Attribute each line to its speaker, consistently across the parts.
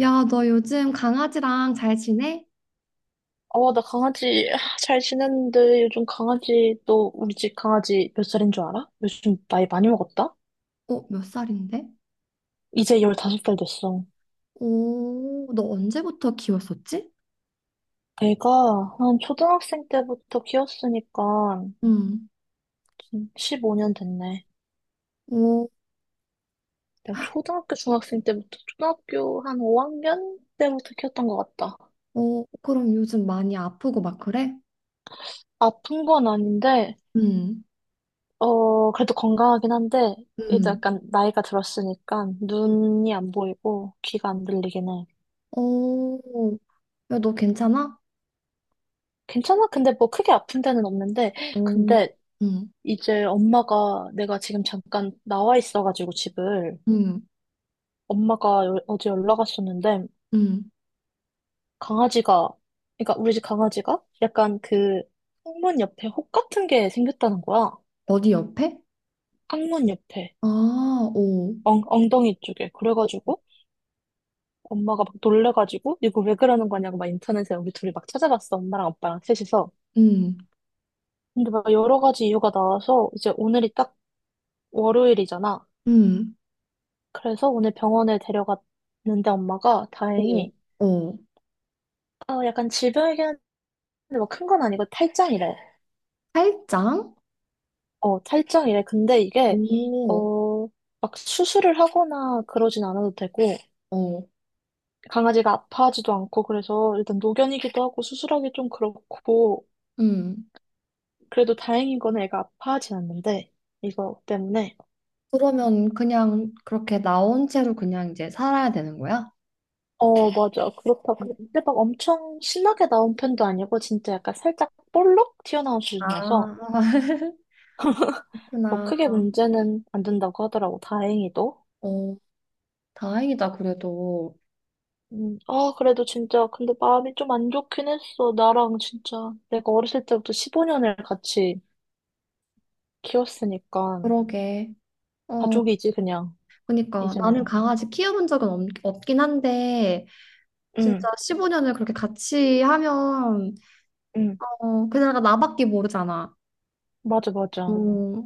Speaker 1: 야, 너 요즘 강아지랑 잘 지내?
Speaker 2: 어, 나 강아지 아, 잘 지냈는데 요즘 강아지 또 우리 집 강아지 몇 살인 줄 알아? 요즘 나이 많이 먹었다?
Speaker 1: 어, 몇 살인데?
Speaker 2: 이제 15살 됐어.
Speaker 1: 오, 너 언제부터 키웠었지?
Speaker 2: 애가 한 초등학생 때부터 키웠으니까
Speaker 1: 응.
Speaker 2: 지금 15년 됐네.
Speaker 1: 오,
Speaker 2: 내가 초등학교 중학생 때부터 초등학교 한 5학년 때부터 키웠던 것 같다.
Speaker 1: 오, 그럼 요즘 많이 아프고 막 그래?
Speaker 2: 아픈 건 아닌데
Speaker 1: 응,
Speaker 2: 그래도 건강하긴 한데 이제
Speaker 1: 응.
Speaker 2: 약간 나이가 들었으니까 눈이 안 보이고 귀가 안 들리긴 해.
Speaker 1: 오, 야, 너 괜찮아?
Speaker 2: 괜찮아? 근데 뭐 크게 아픈 데는 없는데,
Speaker 1: 오,
Speaker 2: 근데
Speaker 1: 응,
Speaker 2: 이제 엄마가 내가 지금 잠깐 나와 있어가지고 집을
Speaker 1: 응,
Speaker 2: 엄마가 어제 연락 왔었는데
Speaker 1: 응.
Speaker 2: 강아지가, 그러니까 우리 집 강아지가 약간 그 항문 옆에 혹 같은 게 생겼다는 거야.
Speaker 1: 어디 옆에?
Speaker 2: 항문 옆에
Speaker 1: 아, 오,
Speaker 2: 엉덩이 쪽에 그래가지고 엄마가 막 놀래가지고 이거 왜 그러는 거냐고 막 인터넷에 우리 둘이 막 찾아봤어. 엄마랑 아빠랑 셋이서.
Speaker 1: 응,
Speaker 2: 근데 막 여러 가지 이유가 나와서 이제 오늘이 딱 월요일이잖아.
Speaker 1: 응.
Speaker 2: 그래서 오늘 병원에 데려갔는데 엄마가
Speaker 1: 오,
Speaker 2: 다행히
Speaker 1: 오.
Speaker 2: 아, 약간 질병이긴 한데 막 큰 건 아니고 탈장이래.
Speaker 1: 팔짱?
Speaker 2: 어, 탈장이래. 근데 이게
Speaker 1: 오,
Speaker 2: 어, 막 수술을 하거나 그러진 않아도 되고
Speaker 1: 오,
Speaker 2: 강아지가 아파하지도 않고 그래서 일단 노견이기도 하고 수술하기 좀 그렇고
Speaker 1: 응.
Speaker 2: 그래도 다행인 거는 애가 아파하진 않는데 이거 때문에
Speaker 1: 그러면 그냥 그렇게 나온 채로 그냥 이제 살아야 되는 거야?
Speaker 2: 어, 맞아. 그렇다. 근데 막 엄청 신나게 나온 편도 아니고 진짜 약간 살짝 볼록 튀어나온 수준이어서
Speaker 1: 아,
Speaker 2: 뭐
Speaker 1: 그렇구나.
Speaker 2: 크게 문제는 안 된다고 하더라고, 다행히도.
Speaker 1: 어, 다행이다, 그래도.
Speaker 2: 아, 그래도 진짜, 근데 마음이 좀 안 좋긴 했어. 나랑 진짜, 내가 어렸을 때부터 15년을 같이 키웠으니까,
Speaker 1: 그러게. 어,
Speaker 2: 가족이지, 그냥,
Speaker 1: 그러니까 나는
Speaker 2: 이제는.
Speaker 1: 강아지 키워본 적은 없긴 한데,
Speaker 2: 응,
Speaker 1: 진짜 15년을 그렇게 같이 하면,
Speaker 2: 응,
Speaker 1: 어, 그나가 나밖에 모르잖아.
Speaker 2: 맞아, 맞아.
Speaker 1: 어,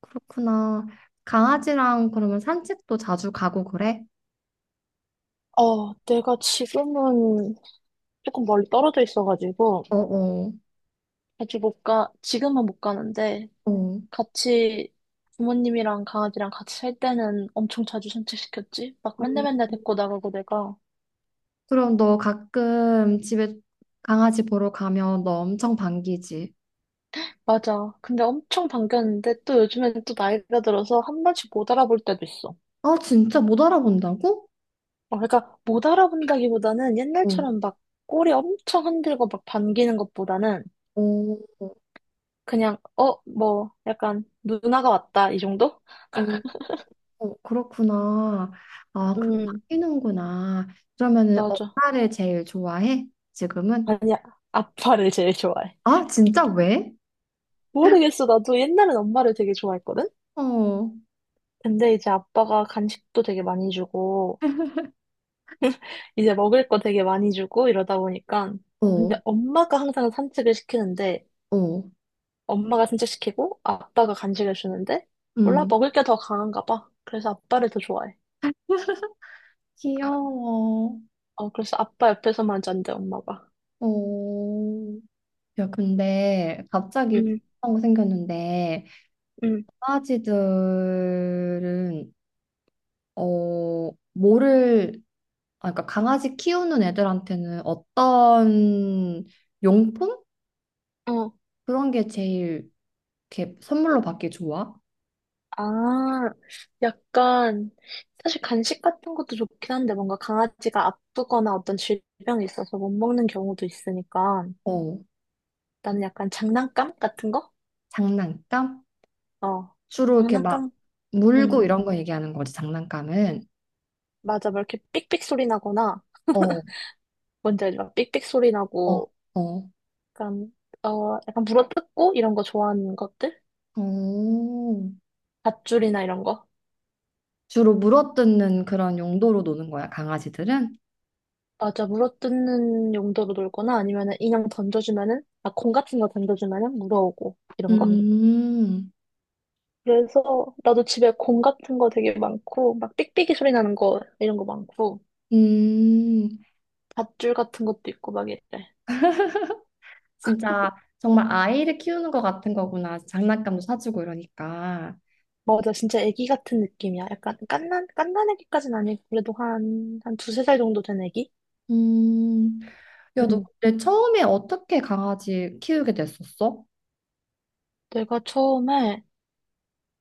Speaker 1: 그렇구나. 강아지랑 그러면 산책도 자주 가고 그래?
Speaker 2: 어, 내가 지금은 조금 멀리 떨어져 있어가지고,
Speaker 1: 어, 어,
Speaker 2: 아직 못 가, 지금은 못 가는데,
Speaker 1: 어.
Speaker 2: 같이 부모님이랑 강아지랑 같이 살 때는 엄청 자주 산책시켰지? 막
Speaker 1: 어.
Speaker 2: 맨날 맨날 데리고 나가고 내가.
Speaker 1: 그럼 너 가끔 집에 강아지 보러 가면 너 엄청 반기지?
Speaker 2: 맞아. 근데 엄청 반겼는데 또 요즘에는 또 나이가 들어서 한 번씩 못 알아볼 때도 있어.
Speaker 1: 아, 진짜 못 알아본다고?
Speaker 2: 어, 그러니까 못 알아본다기보다는
Speaker 1: 어,
Speaker 2: 옛날처럼 막 꼬리 엄청 흔들고 막 반기는 것보다는
Speaker 1: 어,
Speaker 2: 그냥 뭐 약간 누나가 왔다 이 정도?
Speaker 1: 어, 어, 그렇구나. 아, 그
Speaker 2: 음,
Speaker 1: 바뀌는구나. 그러면은
Speaker 2: 맞아.
Speaker 1: 엄마를 제일 좋아해? 지금은?
Speaker 2: 아니야. 아빠를 제일 좋아해.
Speaker 1: 아, 진짜 왜?
Speaker 2: 모르겠어. 나도 옛날엔 엄마를 되게 좋아했거든?
Speaker 1: 어,
Speaker 2: 근데 이제 아빠가 간식도 되게 많이 주고, 이제 먹을 거 되게 많이 주고 이러다 보니까.
Speaker 1: 어,
Speaker 2: 근데 엄마가 항상 산책을 시키는데,
Speaker 1: 어,
Speaker 2: 엄마가 산책시키고 아빠가 간식을 주는데 몰라
Speaker 1: 음.
Speaker 2: 먹을 게 더 강한가 봐. 그래서 아빠를 더 좋아해.
Speaker 1: 귀여워.
Speaker 2: 그래서 아빠 옆에서만 잔대 엄마가.
Speaker 1: 어. 야, 근데 갑자기
Speaker 2: 응,
Speaker 1: 궁금한 거 생겼는데
Speaker 2: 응,
Speaker 1: 강아지들은 어, 뭐를, 아, 그러니까 강아지 키우는 애들한테는 어떤 용품?
Speaker 2: 어.
Speaker 1: 그런 게 제일 이렇게 선물로 받기 좋아?
Speaker 2: 아, 약간 사실 간식 같은 것도 좋긴 한데 뭔가 강아지가 아프거나 어떤 질병이 있어서 못 먹는 경우도 있으니까
Speaker 1: 어,
Speaker 2: 나는 약간 장난감 같은 거?
Speaker 1: 장난감?
Speaker 2: 어,
Speaker 1: 주로 이렇게 막
Speaker 2: 장난감?
Speaker 1: 물고
Speaker 2: 응,
Speaker 1: 이런 거 얘기하는 거지, 장난감은.
Speaker 2: 맞아. 막 이렇게 삑삑 소리 나거나
Speaker 1: 어,
Speaker 2: 뭔지 알죠? 삑삑 소리
Speaker 1: 어,
Speaker 2: 나고
Speaker 1: 어.
Speaker 2: 약간, 약간 물어뜯고 이런 거 좋아하는 것들?
Speaker 1: 어.
Speaker 2: 밧줄이나 이런 거?
Speaker 1: 주로 물어뜯는 그런 용도로 노는 거야, 강아지들은?
Speaker 2: 맞아, 물어뜯는 용도로 놀거나 아니면은 인형 던져주면은, 아, 공 같은 거 던져주면은 물어오고, 이런 거?
Speaker 1: 음,
Speaker 2: 그래서 나도 집에 공 같은 거 되게 많고, 막 삑삑이 소리 나는 거, 이런 거 많고,
Speaker 1: 음,
Speaker 2: 밧줄 같은 것도 있고 막 이래.
Speaker 1: 진짜 정말 아이를 키우는 것 같은 거구나. 장난감도 사주고 이러니까.
Speaker 2: 맞아, 진짜 애기 같은 느낌이야. 약간 깐난 애기까지는 아니고, 그래도 한 두세 살 정도 된 애기?
Speaker 1: 음, 야, 너
Speaker 2: 음.
Speaker 1: 근데 처음에 어떻게 강아지 키우게 됐었어?
Speaker 2: 내가 처음에,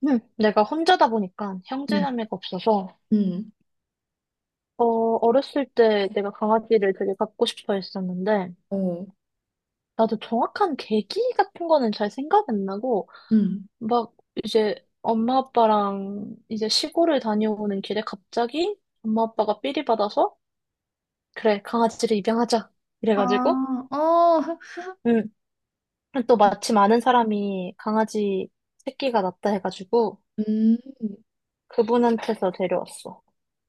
Speaker 2: 내가 혼자다 보니까
Speaker 1: 응,
Speaker 2: 형제자매가 없어서
Speaker 1: 응,
Speaker 2: 어, 어렸을 때 내가 강아지를 되게 갖고 싶어 했었는데,
Speaker 1: 어,
Speaker 2: 나도 정확한 계기 같은 거는 잘 생각 안 나고,
Speaker 1: 응,
Speaker 2: 막 이제 엄마 아빠랑 이제 시골을 다녀오는 길에 갑자기 엄마 아빠가 삘이 받아서, 그래, 강아지를 입양하자.
Speaker 1: 아,
Speaker 2: 이래가지고,
Speaker 1: 어,
Speaker 2: 응. 또 마침 아는 사람이 강아지 새끼가 낳다 해가지고,
Speaker 1: 음,
Speaker 2: 그분한테서 데려왔어.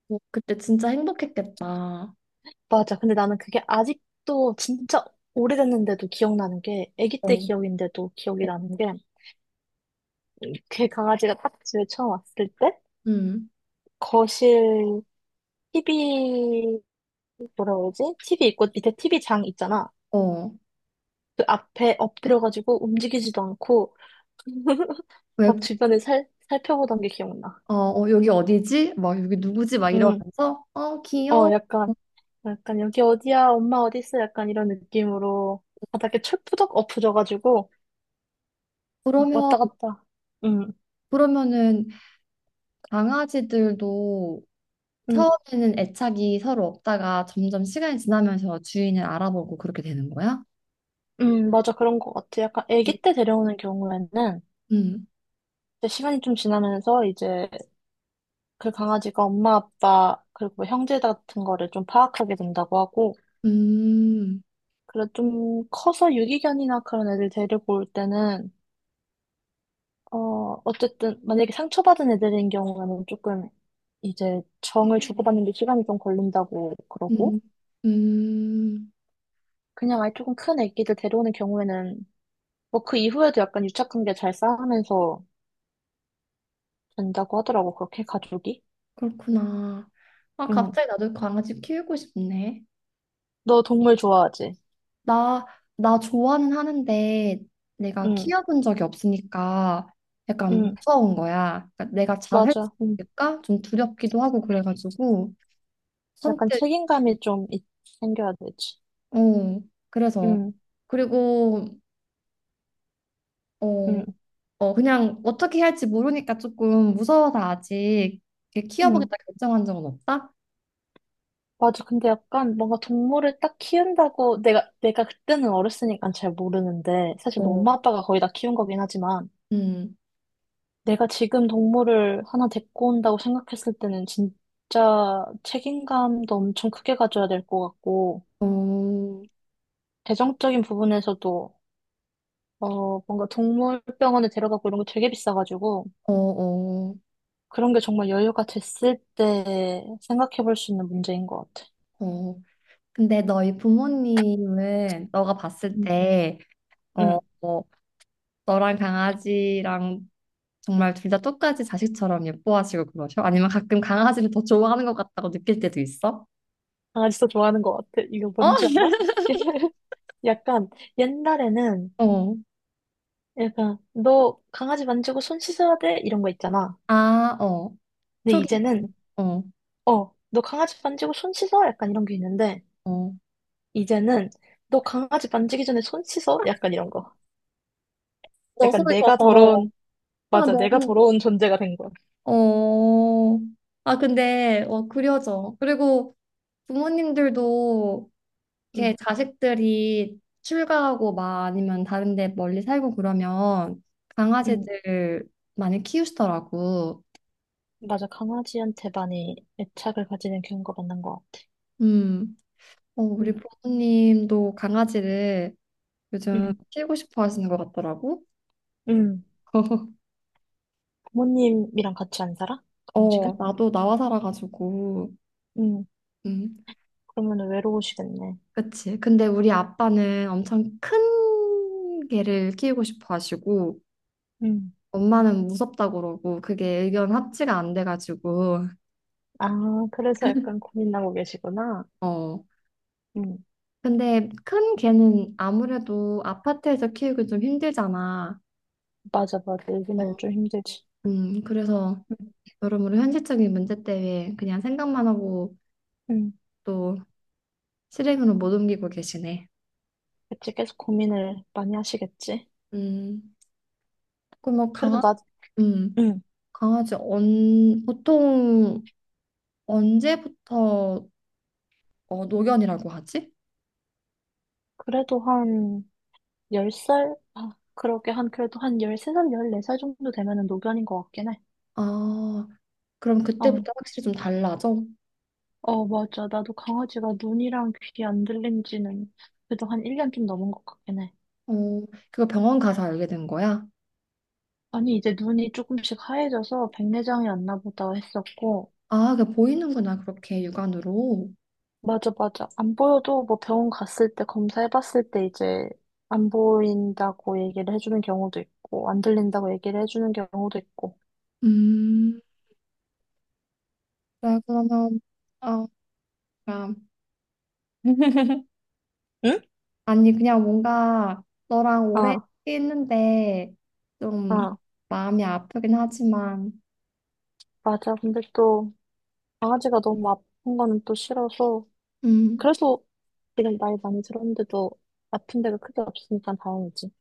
Speaker 1: 어, 그때 진짜 행복했겠다.
Speaker 2: 맞아. 근데 나는 그게 아직도 진짜 오래됐는데도 기억나는 게, 아기 때
Speaker 1: 어,
Speaker 2: 기억인데도 기억이 나는 게, 그 강아지가 딱 집에 처음 왔을 때
Speaker 1: 응,
Speaker 2: 거실 TV 뭐라 그러지? TV 있고 밑에 TV 장 있잖아.
Speaker 1: 어,
Speaker 2: 그 앞에 엎드려가지고 움직이지도 않고
Speaker 1: 왜,
Speaker 2: 막 주변을 살 살펴보던 게 기억나.
Speaker 1: 어, 어, 여기 어디지? 막 여기 누구지? 막
Speaker 2: 음,
Speaker 1: 이러면서, 어,
Speaker 2: 어
Speaker 1: 귀여워.
Speaker 2: 약간 약간 여기 어디야? 엄마 어디 있어? 약간 이런 느낌으로 바닥에 철푸덕 엎어져가지고 막
Speaker 1: 그러면,
Speaker 2: 왔다 갔다. 음,
Speaker 1: 그러면은 강아지들도
Speaker 2: 음,
Speaker 1: 처음에는 애착이 서로 없다가 점점 시간이 지나면서 주인을 알아보고 그렇게 되는 거야?
Speaker 2: 맞아 그런 것 같아. 약간 아기 때 데려오는 경우에는
Speaker 1: 응,
Speaker 2: 이제 시간이 좀 지나면서 이제 그 강아지가 엄마, 아빠, 그리고 뭐 형제 같은 거를 좀 파악하게 된다고 하고,
Speaker 1: 음,
Speaker 2: 그래 좀 커서 유기견이나 그런 애들 데리고 올 때는, 어쨌든 만약에 상처받은 애들인 경우에는 조금 이제 정을 주고받는데 시간이 좀 걸린다고
Speaker 1: 음,
Speaker 2: 그러고,
Speaker 1: 음,
Speaker 2: 그냥 아예 조금 큰 애기들 데려오는 경우에는 뭐 그 이후에도 약간 유착관계 잘 쌓으면서 된다고 하더라고, 그렇게 가족이.
Speaker 1: 그렇구나. 아,
Speaker 2: 응.
Speaker 1: 갑자기 나도 강아지 키우고 싶네.
Speaker 2: 너 동물 좋아하지?
Speaker 1: 나, 나 좋아는 하는데 내가
Speaker 2: 응,
Speaker 1: 키워본 적이 없으니까 약간
Speaker 2: 응,
Speaker 1: 무서운 거야. 그러니까 내가 잘할 수
Speaker 2: 맞아. 응.
Speaker 1: 있을까? 좀 두렵기도 하고 그래가지고
Speaker 2: 약간
Speaker 1: 선택,
Speaker 2: 책임감이 좀 생겨야 되지.
Speaker 1: 어, 그래서.
Speaker 2: 응,
Speaker 1: 그리고, 어,
Speaker 2: 응,
Speaker 1: 어, 그냥 어떻게 할지 모르니까 조금 무서워서 아직 이렇게
Speaker 2: 응.
Speaker 1: 키워보겠다 결정한 적은 없다?
Speaker 2: 맞아. 근데 약간 뭔가 동물을 딱 키운다고 내가 그때는 어렸으니까 잘 모르는데 사실 뭐
Speaker 1: 어,
Speaker 2: 엄마 아빠가 거의 다 키운 거긴 하지만
Speaker 1: 음.
Speaker 2: 내가 지금 동물을 하나 데리고 온다고 생각했을 때는 진짜 책임감도 엄청 크게 가져야 될 것 같고
Speaker 1: 어,
Speaker 2: 재정적인 부분에서도 뭔가 동물병원에 데려가고 이런 거 되게 비싸가지고
Speaker 1: 어, 어,
Speaker 2: 그런 게 정말 여유가 됐을 때 생각해 볼 수 있는 문제인 것 같아.
Speaker 1: 어. 근데 너희 부모님은 너가 봤을
Speaker 2: 응,
Speaker 1: 때, 어,
Speaker 2: 응.
Speaker 1: 어, 너랑 강아지랑 정말 둘 다 똑같이 자식처럼 예뻐하시고 그러셔? 아니면 가끔 강아지를 더 좋아하는 것 같다고 느낄 때도 있어?
Speaker 2: 아, 진짜 좋아하는 것 같아. 이거
Speaker 1: 어?
Speaker 2: 뭔지 알아? 약간 옛날에는
Speaker 1: 어.
Speaker 2: 약간 너 강아지 만지고 손 씻어야 돼 이런 거 있잖아.
Speaker 1: 아, 어.
Speaker 2: 근데
Speaker 1: 초기,
Speaker 2: 이제는
Speaker 1: 어,
Speaker 2: 너 강아지 만지고 손 씻어 약간 이런 게 있는데
Speaker 1: 어.
Speaker 2: 이제는 너 강아지 만지기 전에 손 씻어 약간 이런 거.
Speaker 1: 너
Speaker 2: 약간
Speaker 1: 손이 더
Speaker 2: 내가
Speaker 1: 더러워.
Speaker 2: 더러운
Speaker 1: 아,
Speaker 2: 맞아 내가
Speaker 1: 너무.
Speaker 2: 더러운 존재가 된 거야.
Speaker 1: 어. 아, 근데, 어, 그려져. 그리고 부모님들도
Speaker 2: 응,
Speaker 1: 이렇게 자식들이 출가하고 막 아니면 다른 데 멀리 살고 그러면
Speaker 2: 응,
Speaker 1: 강아지들 많이 키우시더라고.
Speaker 2: 맞아 강아지한테 많이 애착을 가지는 경우가 많은 것 같아.
Speaker 1: 음, 어, 우리
Speaker 2: 응,
Speaker 1: 부모님도 강아지를 요즘
Speaker 2: 응,
Speaker 1: 키우고 싶어 하시는 것 같더라고.
Speaker 2: 응. 부모님이랑 같이 안 살아? 그럼 지금?
Speaker 1: 어, 나도 나와 살아가지고.
Speaker 2: 응,
Speaker 1: 음,
Speaker 2: 그러면 외로우시겠네.
Speaker 1: 그치. 근데 우리 아빠는 엄청 큰 개를 키우고 싶어 하시고,
Speaker 2: 음.
Speaker 1: 엄마는 무섭다고 그러고, 그게 의견 합치가 안 돼가지고,
Speaker 2: 아, 그래서 약간 고민하고 계시구나.
Speaker 1: 어.
Speaker 2: 음,
Speaker 1: 근데 큰 개는 아무래도 아파트에서 키우기 좀 힘들잖아.
Speaker 2: 맞아, 맞아.
Speaker 1: 어,
Speaker 2: 요즘에는 좀 힘들지.
Speaker 1: 그래서
Speaker 2: 음,
Speaker 1: 여러모로 현실적인 문제 때문에 그냥 생각만 하고
Speaker 2: 음.
Speaker 1: 또 실행으로 못 옮기고 계시네.
Speaker 2: 그치, 계속 고민을 많이 하시겠지.
Speaker 1: 음, 그럼 뭐
Speaker 2: 그래도 나,
Speaker 1: 음,
Speaker 2: 음,
Speaker 1: 강아지 보통 언제부터 어, 노견이라고 하지?
Speaker 2: 그래도 한 10살? 아, 그러게 한, 그래도 한 13살, 14살 정도 되면은 노견인 것 같긴 해.
Speaker 1: 아, 그럼
Speaker 2: 어,
Speaker 1: 그때부터 확실히 좀 달라져?
Speaker 2: 어, 맞아. 나도 강아지가 눈이랑 귀 안 들린 지는 그래도 한 1년 좀 넘은 것 같긴 해.
Speaker 1: 어, 그거 병원 가서 알게 된 거야?
Speaker 2: 아니, 이제 눈이 조금씩 하얘져서 백내장이 왔나 보다 했었고,
Speaker 1: 아, 그 보이는구나, 그렇게 육안으로.
Speaker 2: 맞아, 맞아. 안 보여도 뭐 병원 갔을 때 검사해봤을 때 이제 안 보인다고 얘기를 해주는 경우도 있고, 안 들린다고 얘기를 해주는 경우도 있고.
Speaker 1: 음. 그래, 그러면, 어, 그
Speaker 2: 응?
Speaker 1: 아니, 그냥 뭔가 너랑 오래
Speaker 2: 아,
Speaker 1: 했는데 좀
Speaker 2: 아,
Speaker 1: 마음이 아프긴 하지만,
Speaker 2: 맞아. 근데 또 강아지가 너무 아픈 거는 또 싫어서.
Speaker 1: 음,
Speaker 2: 그래서 지금 나이 많이 들었는데도 아픈 데가 크게 없으니까 다행이지.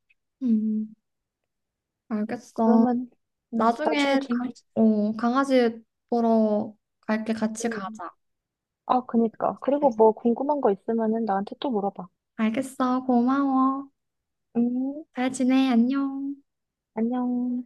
Speaker 1: 음, 알겠어.
Speaker 2: 그러면, 나중에
Speaker 1: 나중에,
Speaker 2: 좀,
Speaker 1: 어, 강아지 보러 갈게, 같이
Speaker 2: 음.
Speaker 1: 가자.
Speaker 2: 아, 그니까.
Speaker 1: 네.
Speaker 2: 그리고 뭐 궁금한 거 있으면은 나한테 또 물어봐.
Speaker 1: 알겠어, 고마워.
Speaker 2: 음,
Speaker 1: 잘 지내, 안녕.
Speaker 2: 안녕.